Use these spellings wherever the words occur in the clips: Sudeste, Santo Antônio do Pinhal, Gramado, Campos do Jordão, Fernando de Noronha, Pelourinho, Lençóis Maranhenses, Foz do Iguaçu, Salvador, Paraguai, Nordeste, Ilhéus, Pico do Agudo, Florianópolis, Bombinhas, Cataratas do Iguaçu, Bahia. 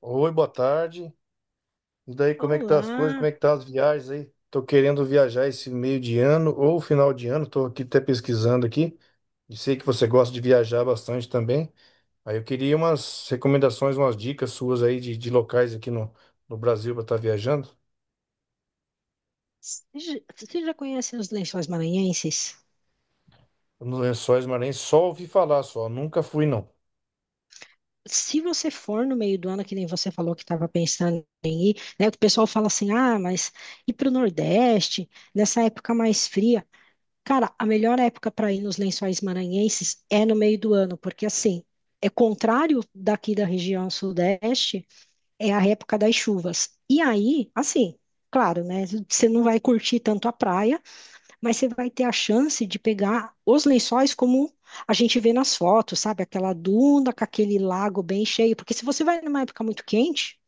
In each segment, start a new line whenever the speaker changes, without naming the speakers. Oi, boa tarde. E daí, como é que tá as coisas? Como
Olá!
é que tá as viagens aí? Tô querendo viajar esse meio de ano ou final de ano. Tô aqui até pesquisando aqui. E sei que você gosta de viajar bastante também. Aí eu queria umas recomendações, umas dicas suas aí de locais aqui no, no Brasil para estar viajando.
Você já conhece os Lençóis Maranhenses?
Nos Lençóis Maranhenses, só ouvi falar só. Nunca fui, não.
Se você for no meio do ano, que nem você falou que estava pensando em ir, né? O pessoal fala assim, ah, mas ir para o Nordeste, nessa época mais fria. Cara, a melhor época para ir nos Lençóis Maranhenses é no meio do ano, porque assim, é contrário daqui da região Sudeste, é a época das chuvas. E aí, assim, claro, né? Você não vai curtir tanto a praia, mas você vai ter a chance de pegar os lençóis como a gente vê nas fotos, sabe? Aquela duna com aquele lago bem cheio, porque se você vai numa época muito quente,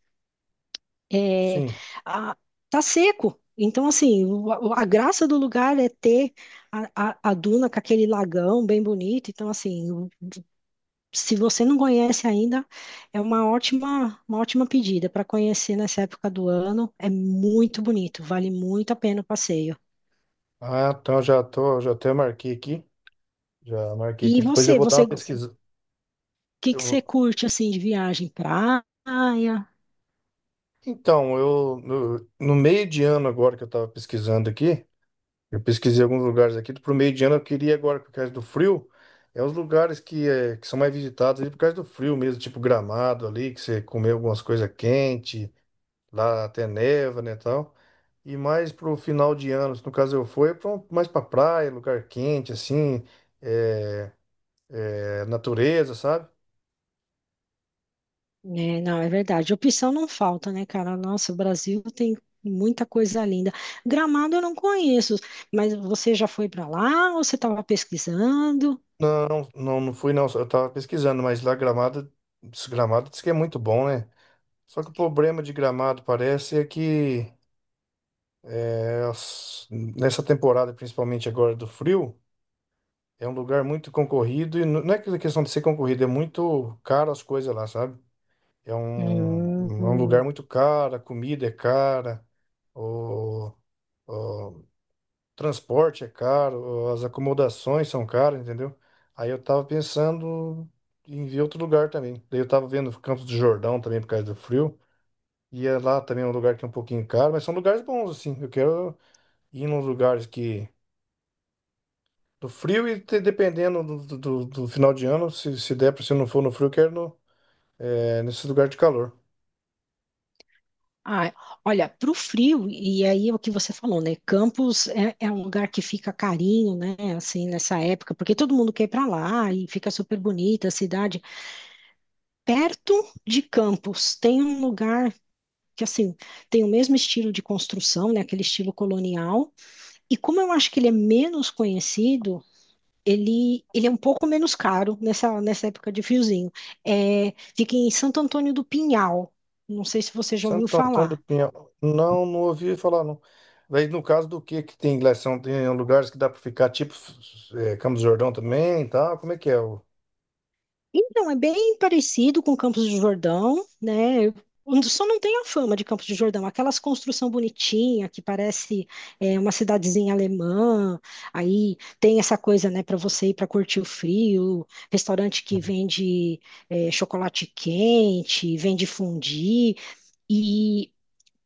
é,
Sim.
a- tá seco. Então, assim, a graça do lugar é ter a duna com aquele lagão bem bonito. Então, assim, se você não conhece ainda, é uma ótima pedida para conhecer nessa época do ano. É muito bonito, vale muito a pena o passeio.
Ah, então já tô, já até marquei aqui. Já marquei aqui.
E
Depois eu
você,
vou dar
você
uma pesquisa. Eu
que você
vou-
curte assim de viagem? Praia?
Então, eu no, no meio de ano agora que eu estava pesquisando aqui. Eu pesquisei alguns lugares aqui. Pro meio de ano eu queria ir agora por causa do frio. É os lugares que, é, que são mais visitados ali por causa do frio mesmo, tipo Gramado ali, que você comeu algumas coisas quentes, lá até neva, né, tal. E mais pro final de ano, no caso eu fui, é pra mais pra praia, lugar quente, assim, é, natureza, sabe?
É, não, é verdade. Opção não falta, né, cara? Nossa, o Brasil tem muita coisa linda. Gramado eu não conheço, mas você já foi para lá ou você estava pesquisando?
Não, não, não fui não, eu tava pesquisando, mas lá Gramado, Gramado diz que é muito bom, né? Só que o problema de Gramado parece é que nessa temporada, principalmente agora do frio, é um lugar muito concorrido e não é aquela questão de ser concorrido, é muito caro as coisas lá, sabe? É um, um, é um lugar
Hum.
muito caro, a comida é cara, o, o transporte é caro, as acomodações são caras, entendeu? Aí eu tava pensando em ver outro lugar também. Daí eu tava vendo Campos do Jordão também por causa do frio. E é lá também é um lugar que é um pouquinho caro, mas são lugares bons, assim. Eu quero ir nos lugares que do frio e dependendo do, do, do final de ano, se der para se não for no frio, eu quero no, é, nesse lugar de calor.
Ah, olha, para o frio, e aí é o que você falou, né? Campos é um lugar que fica carinho, né? Assim, nessa época, porque todo mundo quer ir para lá e fica super bonita a cidade. Perto de Campos tem um lugar que assim tem o mesmo estilo de construção, né, aquele estilo colonial. E como eu acho que ele é menos conhecido, ele é um pouco menos caro nessa época de friozinho. É, fica em Santo Antônio do Pinhal. Não sei se você já ouviu
Santo Antônio do
falar.
Pinhal. Não, não ouvi falar, não. Daí, no caso do que tem lá? São, tem lugares que dá para ficar, tipo é, Campos do Jordão também e tal. Como é que é? O,
Então, é bem parecido com Campos do Jordão, né? Eu Só não tem a fama de Campos do Jordão, aquelas construção bonitinha que parece uma cidadezinha alemã. Aí tem essa coisa, né, para você ir para curtir o frio, restaurante que vende chocolate quente, vende fondue. E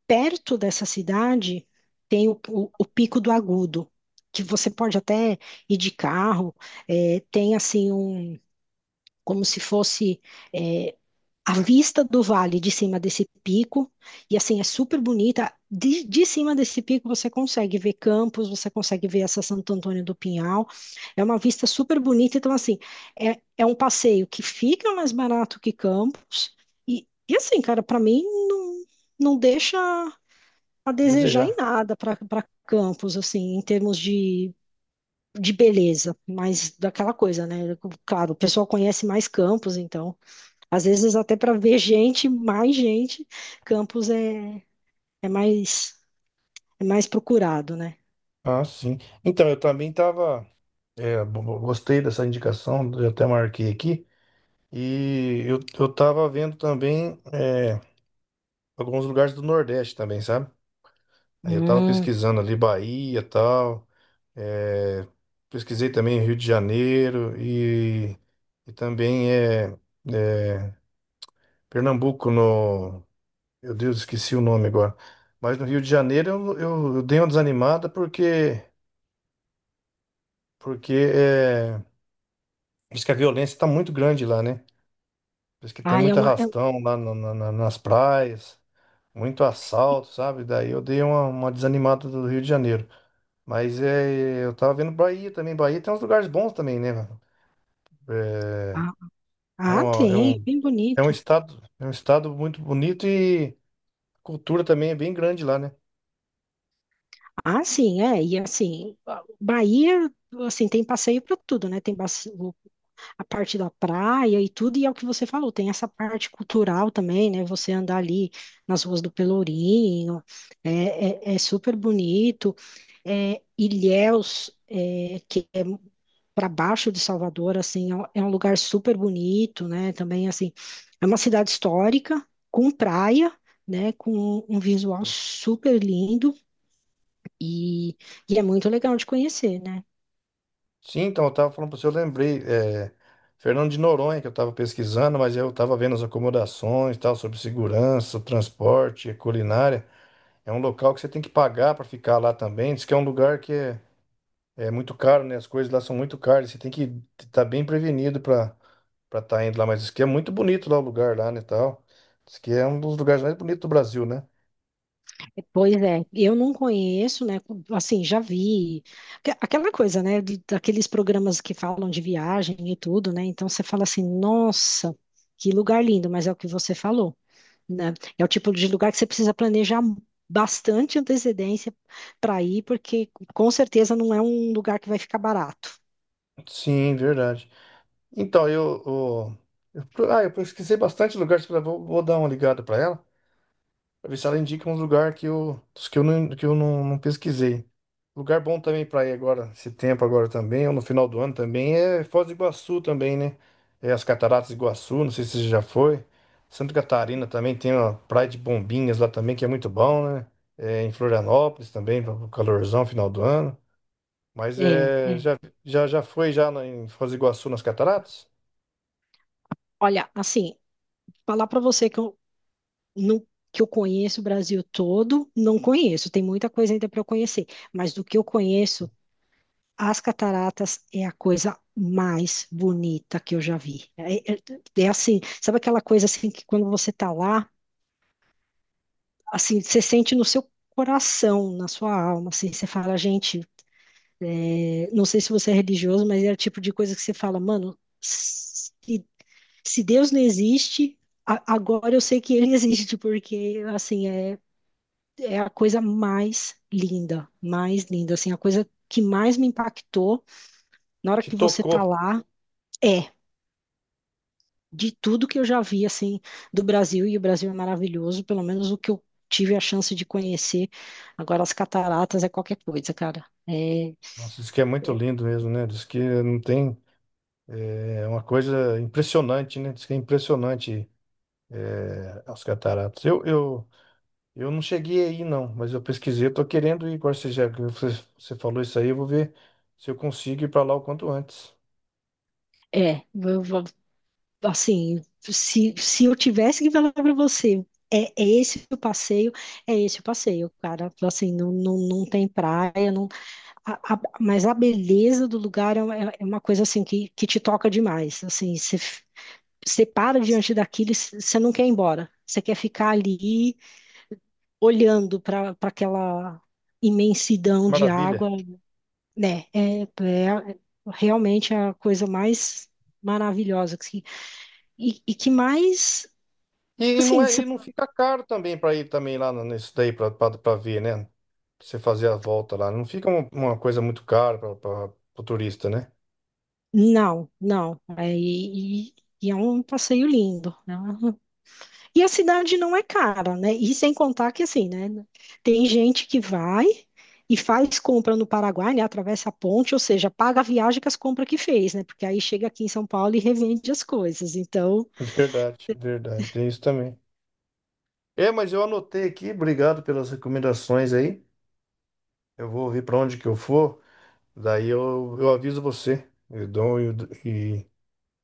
perto dessa cidade tem o Pico do Agudo, que você pode até ir de carro. Tem assim um como se fosse a vista do vale de cima desse pico, e assim, é super bonita. De cima desse pico você consegue ver Campos, você consegue ver essa Santo Antônio do Pinhal. É uma vista super bonita. Então, assim, é um passeio que fica mais barato que Campos. E assim, cara, para mim não, não deixa a
a
desejar em
desejar.
nada para Campos, assim, em termos de beleza. Mas daquela coisa, né? Claro, o pessoal conhece mais Campos, então. Às vezes até para ver gente, mais gente, Campos é mais é mais procurado, né?
Ah, sim. Então, eu também tava. É, gostei dessa indicação, eu até marquei aqui. E eu tava vendo também é, alguns lugares do Nordeste também, sabe? Aí eu tava
Hum.
pesquisando ali Bahia e tal. É, pesquisei também Rio de Janeiro e também é, Pernambuco no. Meu Deus, esqueci o nome agora. Mas no Rio de Janeiro eu dei uma desanimada porque, porque é, diz que a violência está muito grande lá, né? Diz que tem
Ah, é
muito
uma um,
arrastão lá nas praias, muito assalto, sabe? Daí eu dei uma desanimada do Rio de Janeiro. Mas é, eu tava vendo Bahia também. Bahia tem uns lugares bons também, né, mano? É
ah,
um,
ah,
é
tem,
um,
bem bonito.
é um estado muito bonito e a cultura também é bem grande lá, né?
Ah, sim, é, e assim, Bahia, assim, tem passeio para tudo, né? Tem a parte da praia e tudo, e é o que você falou, tem essa parte cultural também, né? Você andar ali nas ruas do Pelourinho, é super bonito. É, Ilhéus, que é para baixo de Salvador, assim, é um lugar super bonito, né? Também, assim, é uma cidade histórica, com praia, né? Com um visual super lindo e, e é muito legal de conhecer, né?
Sim, então eu tava falando pra você, eu lembrei, é, Fernando de Noronha, que eu tava pesquisando, mas eu tava vendo as acomodações, e tal, sobre segurança, transporte, culinária. É um local que você tem que pagar pra ficar lá também. Diz que é um lugar que é é muito caro, né? As coisas lá são muito caras. Você tem que estar bem prevenido para para estar indo lá. Mas isso que é muito bonito lá o lugar lá, né, tal. Isso que é um dos lugares mais bonitos do Brasil, né?
Pois é, eu não conheço, né? Assim, já vi aquela coisa, né? Daqueles programas que falam de viagem e tudo, né? Então você fala assim, nossa, que lugar lindo, mas é o que você falou, né? É o tipo de lugar que você precisa planejar bastante antecedência para ir, porque com certeza não é um lugar que vai ficar barato.
Sim, verdade. Então, eu, eu, ah, eu pesquisei bastante lugares para vou, vou dar uma ligada para ela. Pra ver se ela indica uns lugar que eu, dos que eu não, não pesquisei. Lugar bom também pra ir agora, esse tempo agora também, ou no final do ano também, é Foz do Iguaçu também, né? É as Cataratas do Iguaçu, não sei se você já foi. Santa Catarina também tem uma praia de Bombinhas lá também, que é muito bom, né? É, em Florianópolis também, para o calorzão, final do ano. Mas
É,
é,
é.
já, já, já foi já em Foz do Iguaçu nas Cataratas?
Olha, assim, falar para você que eu não que eu conheço o Brasil todo, não conheço, tem muita coisa ainda para eu conhecer, mas do que eu conheço as cataratas é a coisa mais bonita que eu já vi. É assim, sabe aquela coisa assim que quando você tá lá, assim, você sente no seu coração, na sua alma, assim, você fala, gente, não sei se você é religioso, mas é o tipo de coisa que você fala, mano, se Deus não existe, agora eu sei que ele existe, porque assim, é a coisa mais linda, assim, a coisa que mais me impactou na hora
Te
que você
tocou.
tá lá. É, de tudo que eu já vi assim do Brasil e o Brasil é maravilhoso, pelo menos o que eu tive a chance de conhecer. Agora as cataratas é qualquer coisa, cara. É,
Nossa, isso que é muito lindo mesmo, né? Diz que não tem. É uma coisa impressionante, né? Diz que é impressionante as cataratas. Eu não cheguei aí, não, mas eu pesquisei, eu tô querendo ir. Agora você já que você, você falou isso aí, eu vou ver se eu consigo ir para lá o quanto antes.
é, assim, se eu tivesse que falar para você, é esse o passeio, é esse o passeio, cara. Assim, não, não, não tem praia, não, mas a beleza do lugar é, uma é é uma coisa assim que te toca demais. Assim, você para diante daquilo e você não quer ir embora. Você quer ficar ali olhando para aquela imensidão de
Maravilha.
água, né? É realmente a coisa mais maravilhosa que, e- que mais,
E não
assim,
é, e não fica caro também para ir também lá nesse daí para ver, né? Pra você fazer a volta lá. Não fica uma coisa muito cara para o turista, né?
não, não. É, e é um passeio lindo, né? E a cidade não é cara, né? E sem contar que, assim, né? Tem gente que vai e faz compra no Paraguai, né? Atravessa a ponte, ou seja, paga a viagem com as compras que fez, né? Porque aí chega aqui em São Paulo e revende as coisas. Então,
Verdade, verdade. Tem isso também. É, mas eu anotei aqui, obrigado pelas recomendações aí. Eu vou ver para onde que eu for, daí eu aviso você. Eu dou e,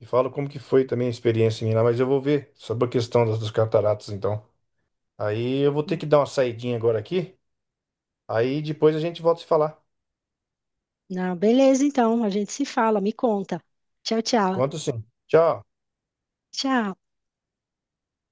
e falo como que foi também a experiência minha lá, mas eu vou ver sobre a questão das, das cataratas, então. Aí eu vou ter que dar uma saidinha agora aqui, aí depois a gente volta a se falar.
não, beleza, então, a gente se fala, me conta. Tchau, tchau.
Conto sim. Tchau.
Tchau.